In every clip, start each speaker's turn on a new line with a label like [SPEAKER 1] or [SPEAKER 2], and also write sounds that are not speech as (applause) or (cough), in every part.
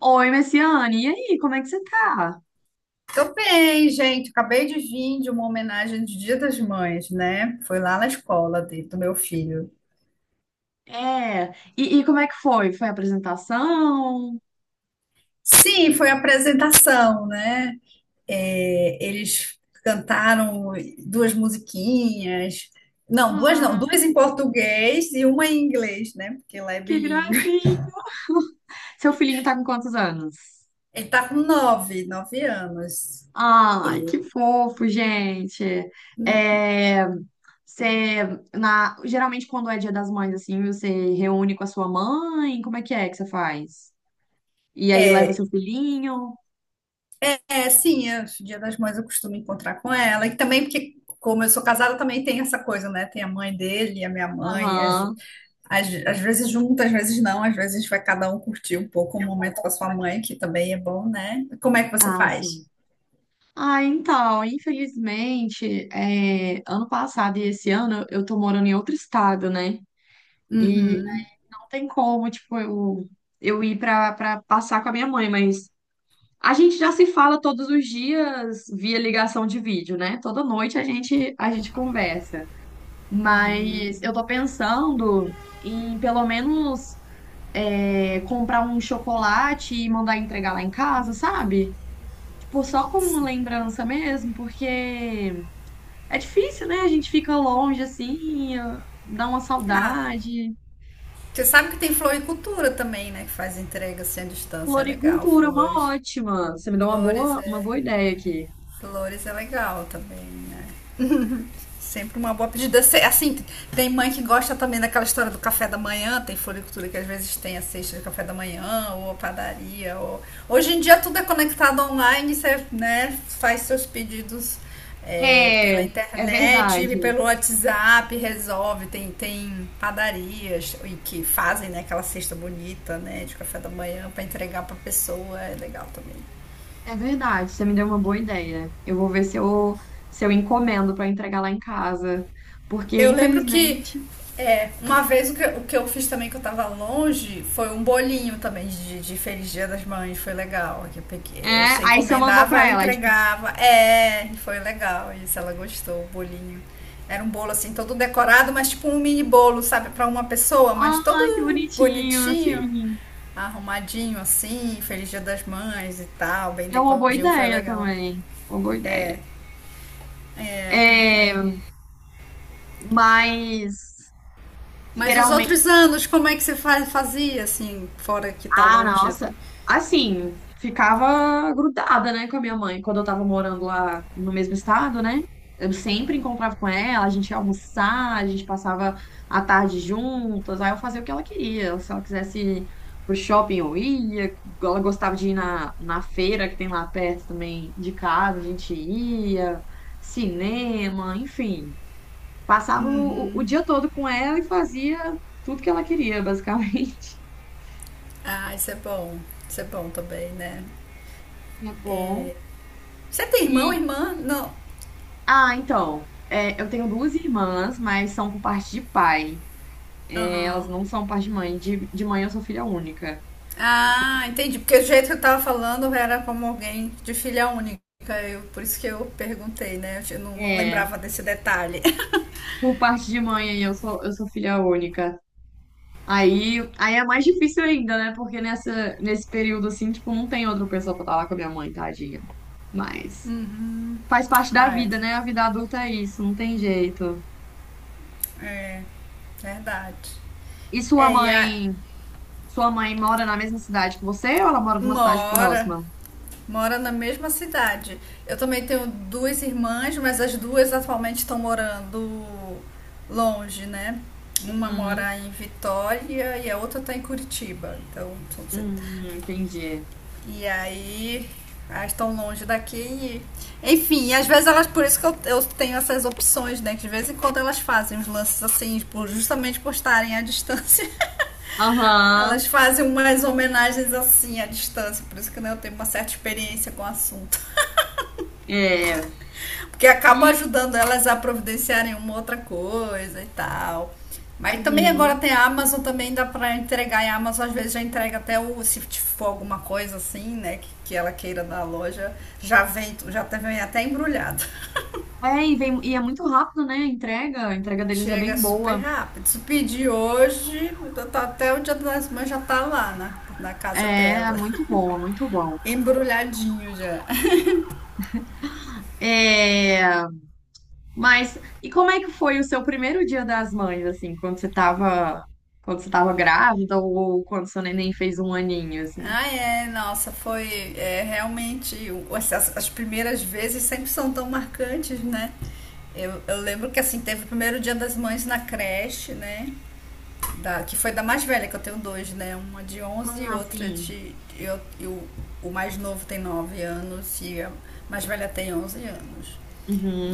[SPEAKER 1] Oi, Messiane, e aí, como é que você tá?
[SPEAKER 2] Tô bem, gente. Acabei de vir de uma homenagem de Dia das Mães, né? Foi lá na escola do meu filho.
[SPEAKER 1] É, e como é que foi? Foi a apresentação?
[SPEAKER 2] Sim, foi a apresentação, né? É, eles cantaram duas musiquinhas. Não, duas não,
[SPEAKER 1] Ah,
[SPEAKER 2] duas em português e uma em inglês, né? Porque lá é
[SPEAKER 1] que
[SPEAKER 2] bilíngue.
[SPEAKER 1] gracinha! Seu filhinho tá com quantos anos?
[SPEAKER 2] Ele tá com 9, 9 anos.
[SPEAKER 1] Ai, que fofo, gente! É, você, Geralmente quando é Dia das Mães, assim, você reúne com a sua mãe? Como é que você faz? E aí leva
[SPEAKER 2] É.
[SPEAKER 1] seu filhinho?
[SPEAKER 2] É, sim, é, Dia das Mães eu costumo encontrar com ela. E também porque, como eu sou casada, também tem essa coisa, né? Tem a mãe dele e a minha mãe. Às,
[SPEAKER 1] Aham.
[SPEAKER 2] às, às vezes juntas, às vezes não. Às vezes vai cada um curtir um pouco o momento com a sua mãe, que também é bom, né? Como é que você
[SPEAKER 1] Ah,
[SPEAKER 2] faz?
[SPEAKER 1] sim. Ah, então, infelizmente, ano passado e esse ano eu tô morando em outro estado, né? E
[SPEAKER 2] Uhum.
[SPEAKER 1] não tem como, tipo, eu ir pra passar com a minha mãe, mas a gente já se fala todos os dias via ligação de vídeo, né? Toda noite a gente conversa. Mas eu tô pensando em pelo menos comprar um chocolate e mandar entregar lá em casa, sabe? Tipo, só como lembrança mesmo, porque. É difícil, né? A gente fica longe assim, ah, dá uma
[SPEAKER 2] Ah,
[SPEAKER 1] saudade.
[SPEAKER 2] você sabe que tem floricultura também, né? Que faz entrega assim à distância. É legal,
[SPEAKER 1] Floricultura é
[SPEAKER 2] flores.
[SPEAKER 1] uma ótima. Você me deu
[SPEAKER 2] Flores
[SPEAKER 1] uma
[SPEAKER 2] é,
[SPEAKER 1] boa ideia aqui.
[SPEAKER 2] flores é legal também, né? Sempre uma boa pedida. Assim, tem mãe que gosta também daquela história do café da manhã, tem floricultura que às vezes tem a cesta de café da manhã, ou a padaria. Ou... Hoje em dia tudo é conectado online, você né, faz seus pedidos pela
[SPEAKER 1] É, é
[SPEAKER 2] internet,
[SPEAKER 1] verdade.
[SPEAKER 2] pelo WhatsApp, resolve. Tem padarias e que fazem né, aquela cesta bonita né, de café da manhã para entregar para a pessoa, é legal também.
[SPEAKER 1] É verdade, você me deu uma boa ideia. Eu vou ver se eu encomendo para entregar lá em casa. Porque,
[SPEAKER 2] Eu lembro que
[SPEAKER 1] infelizmente,
[SPEAKER 2] uma vez o que eu fiz também que eu tava longe foi um bolinho também de Feliz Dia das Mães, foi legal. Que eu
[SPEAKER 1] é,
[SPEAKER 2] peguei, você
[SPEAKER 1] aí você mandou
[SPEAKER 2] encomendava,
[SPEAKER 1] para
[SPEAKER 2] ela
[SPEAKER 1] ela, aí, tipo,
[SPEAKER 2] entregava. É, foi legal isso, ela gostou, o bolinho. Era um bolo assim, todo decorado, mas tipo um mini bolo, sabe, pra uma pessoa, mas todo
[SPEAKER 1] ai, que bonitinho,
[SPEAKER 2] bonitinho,
[SPEAKER 1] assim.
[SPEAKER 2] arrumadinho assim, Feliz Dia das Mães e tal, bem
[SPEAKER 1] É uma boa
[SPEAKER 2] decoradinho, foi
[SPEAKER 1] ideia
[SPEAKER 2] legal.
[SPEAKER 1] também. Uma boa
[SPEAKER 2] É,
[SPEAKER 1] ideia.
[SPEAKER 2] é.
[SPEAKER 1] É,
[SPEAKER 2] Aí
[SPEAKER 1] mas
[SPEAKER 2] mas os
[SPEAKER 1] geralmente.
[SPEAKER 2] outros anos, como é que você fazia, assim, fora que tá
[SPEAKER 1] Ah,
[SPEAKER 2] longe?
[SPEAKER 1] nossa.
[SPEAKER 2] Assim?
[SPEAKER 1] Assim, ficava grudada, né, com a minha mãe quando eu tava morando lá no mesmo estado, né? Eu sempre encontrava com ela, a gente ia almoçar, a gente passava a tarde juntas, aí eu fazia o que ela queria. Se ela quisesse ir pro shopping, eu ia. Ela gostava de ir na feira que tem lá perto também de casa, a gente ia, cinema, enfim. Passava o
[SPEAKER 2] Uhum.
[SPEAKER 1] dia todo com ela e fazia tudo que ela queria, basicamente.
[SPEAKER 2] Ah, isso é bom. Isso é bom também, né?
[SPEAKER 1] (laughs) É bom.
[SPEAKER 2] É, você tem irmão,
[SPEAKER 1] E,
[SPEAKER 2] irmã? Não.
[SPEAKER 1] ah, então. É, eu tenho duas irmãs, mas são por parte de pai. É, elas
[SPEAKER 2] Aham.
[SPEAKER 1] não são por parte de mãe. De mãe eu sou filha única. Sou filha-
[SPEAKER 2] Ah, entendi. Porque o jeito que eu tava falando era como alguém de filha única. Por isso que eu perguntei, né? Eu não
[SPEAKER 1] É,
[SPEAKER 2] lembrava desse detalhe. (laughs)
[SPEAKER 1] por parte de mãe aí eu sou filha única. Aí é mais difícil ainda, né? Porque nesse período assim, tipo, não tem outra pessoa pra estar lá com a minha mãe, tadinha. Mas
[SPEAKER 2] Uhum.
[SPEAKER 1] faz parte da
[SPEAKER 2] Ah, é.
[SPEAKER 1] vida, né? A vida adulta é isso, não tem jeito.
[SPEAKER 2] É. Verdade.
[SPEAKER 1] E
[SPEAKER 2] É, e a,
[SPEAKER 1] sua mãe mora na mesma cidade que você ou ela mora numa
[SPEAKER 2] uma
[SPEAKER 1] cidade
[SPEAKER 2] hora.
[SPEAKER 1] próxima?
[SPEAKER 2] Mora na mesma cidade. Eu também tenho duas irmãs, mas as duas atualmente estão morando longe, né? Uma
[SPEAKER 1] Uhum.
[SPEAKER 2] mora em Vitória e a outra está em Curitiba. Então,
[SPEAKER 1] Entendi.
[SPEAKER 2] e aí elas estão longe daqui. E- enfim, às vezes elas, por isso que eu tenho essas opções, né? Que de vez em quando elas fazem uns lances assim, justamente por estarem à distância. (laughs)
[SPEAKER 1] Aham,
[SPEAKER 2] Elas fazem umas homenagens assim à distância, por isso que né, eu tenho uma certa experiência com o assunto.
[SPEAKER 1] é.
[SPEAKER 2] Porque acaba
[SPEAKER 1] E,
[SPEAKER 2] ajudando elas a providenciarem uma outra coisa e tal. Mas também agora
[SPEAKER 1] uhum.
[SPEAKER 2] tem a Amazon, também dá pra entregar. E a Amazon às vezes já entrega até o, se for alguma coisa assim, né, que ela queira da loja, já vem, vem até embrulhado.
[SPEAKER 1] É, e, vem, e é muito rápido, né? A entrega
[SPEAKER 2] (laughs)
[SPEAKER 1] deles é
[SPEAKER 2] Chega
[SPEAKER 1] bem
[SPEAKER 2] super
[SPEAKER 1] boa.
[SPEAKER 2] rápido. Se pedir hoje, então tá- até o dia das mães já tá lá, né, na
[SPEAKER 1] É,
[SPEAKER 2] casa
[SPEAKER 1] é
[SPEAKER 2] dela.
[SPEAKER 1] muito boa, muito bom.
[SPEAKER 2] (laughs) Embrulhadinho já.
[SPEAKER 1] É, mas, e como é que foi o seu primeiro dia das mães, assim, quando você tava grávida ou quando seu neném fez um aninho, assim?
[SPEAKER 2] Ah, é, nossa, foi é, realmente. As primeiras vezes sempre são tão marcantes, né? Eu lembro que assim, teve o primeiro dia das mães na creche, né? Da, que foi da mais velha, que eu tenho dois, né? Uma de 11 e
[SPEAKER 1] Ah,
[SPEAKER 2] outra
[SPEAKER 1] sim.
[SPEAKER 2] de. Eu, e o mais novo tem 9 anos e a mais velha tem 11 anos.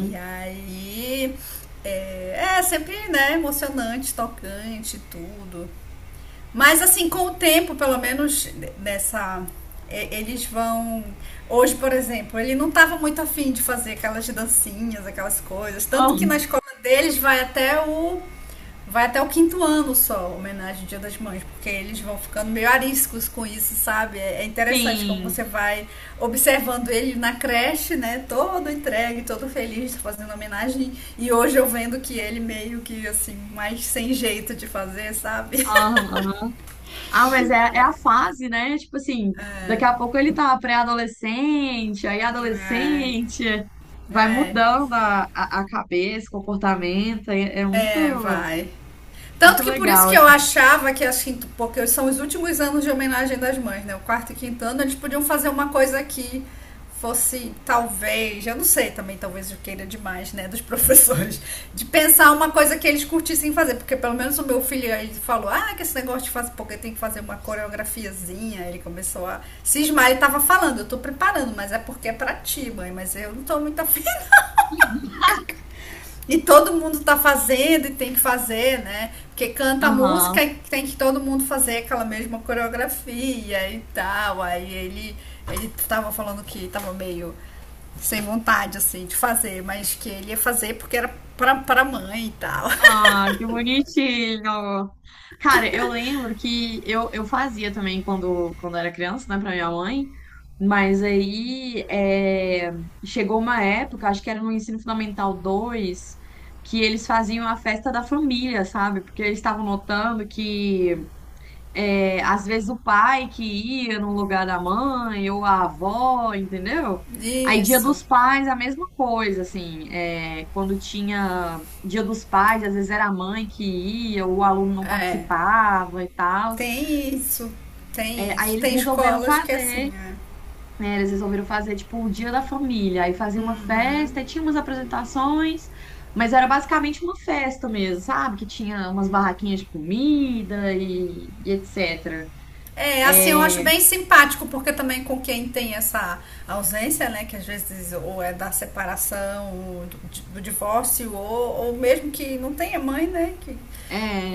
[SPEAKER 2] E aí. É, é sempre, né? Emocionante, tocante, tudo. Mas assim, com o tempo, pelo menos nessa. Eles vão. Hoje, por exemplo, ele não estava muito afim de fazer aquelas dancinhas, aquelas coisas. Tanto que na
[SPEAKER 1] Oh,
[SPEAKER 2] escola deles vai até o. Vai até o quinto ano só, homenagem ao Dia das Mães, porque eles vão ficando meio ariscos com isso, sabe? É interessante como você
[SPEAKER 1] sim.
[SPEAKER 2] vai observando ele na creche, né? Todo entregue, todo feliz, fazendo homenagem. E hoje eu vendo que ele meio que, assim, mais sem jeito de fazer, sabe? (laughs)
[SPEAKER 1] Ah, mas é a fase, né? Tipo assim, daqui a pouco ele tá pré-adolescente, aí adolescente, vai
[SPEAKER 2] É,
[SPEAKER 1] mudando a cabeça, comportamento, é
[SPEAKER 2] é,
[SPEAKER 1] muito,
[SPEAKER 2] vai. Tanto
[SPEAKER 1] muito
[SPEAKER 2] que por isso
[SPEAKER 1] legal,
[SPEAKER 2] que eu
[SPEAKER 1] assim.
[SPEAKER 2] achava que as quinto, porque são os últimos anos de homenagem das mães, né? O quarto e quinto ano, eles podiam fazer uma coisa que fosse, talvez, eu não sei também, talvez eu queira demais, né, dos (laughs) professores, de pensar uma coisa que eles curtissem fazer, porque pelo menos o meu filho, ele falou, ah, que esse negócio de fazer, porque tem que fazer uma coreografiazinha, ele começou a cismar, ele tava falando, eu tô preparando, mas é porque é pra ti, mãe, mas eu não tô muito afim e todo mundo tá fazendo e tem que fazer, né? Porque canta a
[SPEAKER 1] Aham.
[SPEAKER 2] música e tem que todo mundo fazer aquela mesma coreografia e tal. Aí ele tava falando que tava meio sem vontade, assim, de fazer, mas que ele ia fazer porque era pra mãe e tal.
[SPEAKER 1] Ah, que bonitinho! Cara, eu lembro que eu fazia também quando era criança, né, pra minha mãe, mas aí é, chegou uma época, acho que era no Ensino Fundamental 2 que eles faziam a festa da família, sabe? Porque eles estavam notando que é, às vezes o pai que ia no lugar da mãe, ou a avó, entendeu? Aí Dia
[SPEAKER 2] (laughs) Isso,
[SPEAKER 1] dos Pais, a mesma coisa, assim, é, quando tinha Dia dos Pais, às vezes era a mãe que ia, ou o aluno não
[SPEAKER 2] é.
[SPEAKER 1] participava e tal.
[SPEAKER 2] Tem isso,
[SPEAKER 1] É,
[SPEAKER 2] tem
[SPEAKER 1] aí
[SPEAKER 2] isso.
[SPEAKER 1] eles
[SPEAKER 2] Tem
[SPEAKER 1] resolveram
[SPEAKER 2] escolas que é assim,
[SPEAKER 1] fazer,
[SPEAKER 2] é.
[SPEAKER 1] né, eles resolveram fazer, tipo, o Dia da Família, aí fazia uma festa, e tinha umas apresentações, mas era basicamente uma festa mesmo, sabe? Que tinha umas barraquinhas de comida e etc.
[SPEAKER 2] É, assim, eu acho bem simpático, porque também com quem tem essa ausência, né, que às vezes ou é da separação, ou do divórcio, ou, mesmo que não tenha mãe, né, que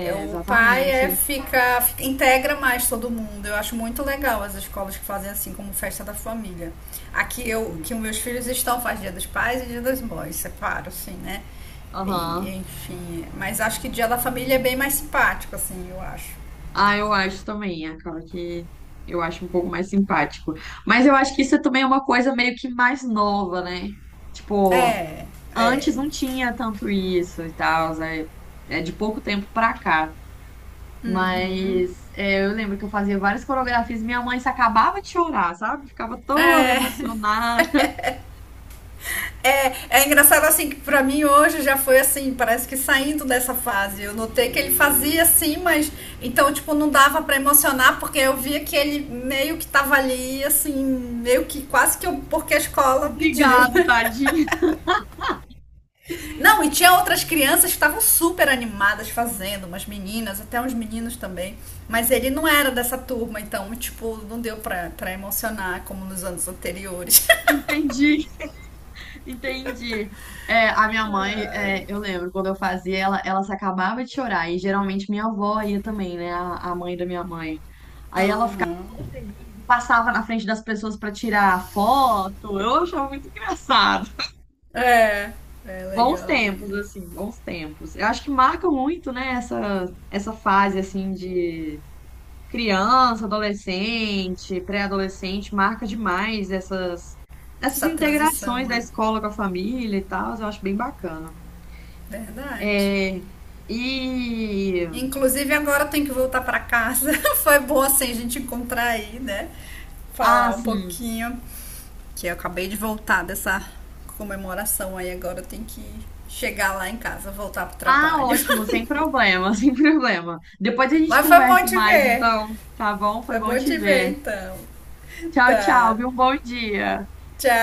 [SPEAKER 2] é, o pai é,
[SPEAKER 1] exatamente.
[SPEAKER 2] integra mais todo mundo. Eu acho muito legal as escolas que fazem assim, como festa da família. Aqui eu,
[SPEAKER 1] Assim.
[SPEAKER 2] que os meus filhos estão, faz dia dos pais e dia das mães, separo, assim, né, e
[SPEAKER 1] Aham.
[SPEAKER 2] enfim, mas acho que dia da família é bem mais simpático, assim, eu acho.
[SPEAKER 1] Ah, eu acho também. Acaba que eu acho um pouco mais simpático. Mas eu acho que isso também é uma coisa meio que mais nova, né? Tipo,
[SPEAKER 2] É, é,
[SPEAKER 1] antes não tinha tanto isso e tal. É, é de pouco tempo pra cá. Mas é, eu lembro que eu fazia várias coreografias e minha mãe se acabava de chorar, sabe? Ficava toda
[SPEAKER 2] é.
[SPEAKER 1] emocionada.
[SPEAKER 2] É, é engraçado assim que pra mim hoje já foi assim, parece que saindo dessa fase. Eu notei que ele fazia assim, mas então tipo não dava pra emocionar porque eu via que ele meio que tava ali assim, meio que quase que eu, porque a
[SPEAKER 1] (laughs)
[SPEAKER 2] escola pediu. (laughs)
[SPEAKER 1] Obrigado,
[SPEAKER 2] Né?
[SPEAKER 1] tadinha.
[SPEAKER 2] Não, e tinha outras crianças que estavam super animadas fazendo, umas meninas, até uns meninos também. Mas ele não era dessa turma, então, tipo, não deu pra, pra emocionar como nos anos anteriores.
[SPEAKER 1] (laughs) Entendi. Entendi. É, a minha mãe, é, eu lembro, quando eu fazia, ela se acabava de chorar. E geralmente minha avó ia também, né? A mãe da minha mãe.
[SPEAKER 2] (laughs)
[SPEAKER 1] Aí ela ficava
[SPEAKER 2] Aham.
[SPEAKER 1] toda feliz, passava na frente das pessoas para tirar foto. Eu achava muito engraçado.
[SPEAKER 2] É, é
[SPEAKER 1] Bons
[SPEAKER 2] legal
[SPEAKER 1] tempos,
[SPEAKER 2] ele.
[SPEAKER 1] assim, bons tempos. Eu acho que marcam muito, né? Essa fase, assim, de criança, adolescente, pré-adolescente, marca demais essas
[SPEAKER 2] Essa transição,
[SPEAKER 1] integrações da
[SPEAKER 2] é
[SPEAKER 1] escola com a família e tal, eu acho bem bacana.
[SPEAKER 2] verdade.
[SPEAKER 1] É, e.
[SPEAKER 2] Inclusive agora eu tenho que voltar para casa. (laughs) Foi bom assim a gente encontrar aí, né?
[SPEAKER 1] Ah,
[SPEAKER 2] Falar um
[SPEAKER 1] sim.
[SPEAKER 2] pouquinho que eu acabei de voltar dessa comemoração aí, agora eu tenho que chegar lá em casa, voltar pro
[SPEAKER 1] Ah,
[SPEAKER 2] trabalho.
[SPEAKER 1] ótimo, sem
[SPEAKER 2] (laughs)
[SPEAKER 1] problema, (laughs) sem problema. Depois a gente
[SPEAKER 2] Mas foi bom
[SPEAKER 1] conversa
[SPEAKER 2] te
[SPEAKER 1] mais,
[SPEAKER 2] ver.
[SPEAKER 1] então, tá bom? Foi
[SPEAKER 2] Foi
[SPEAKER 1] bom
[SPEAKER 2] bom
[SPEAKER 1] te
[SPEAKER 2] te ver
[SPEAKER 1] ver.
[SPEAKER 2] então.
[SPEAKER 1] Tchau, tchau,
[SPEAKER 2] Tá.
[SPEAKER 1] viu? Um bom dia.
[SPEAKER 2] Tchau.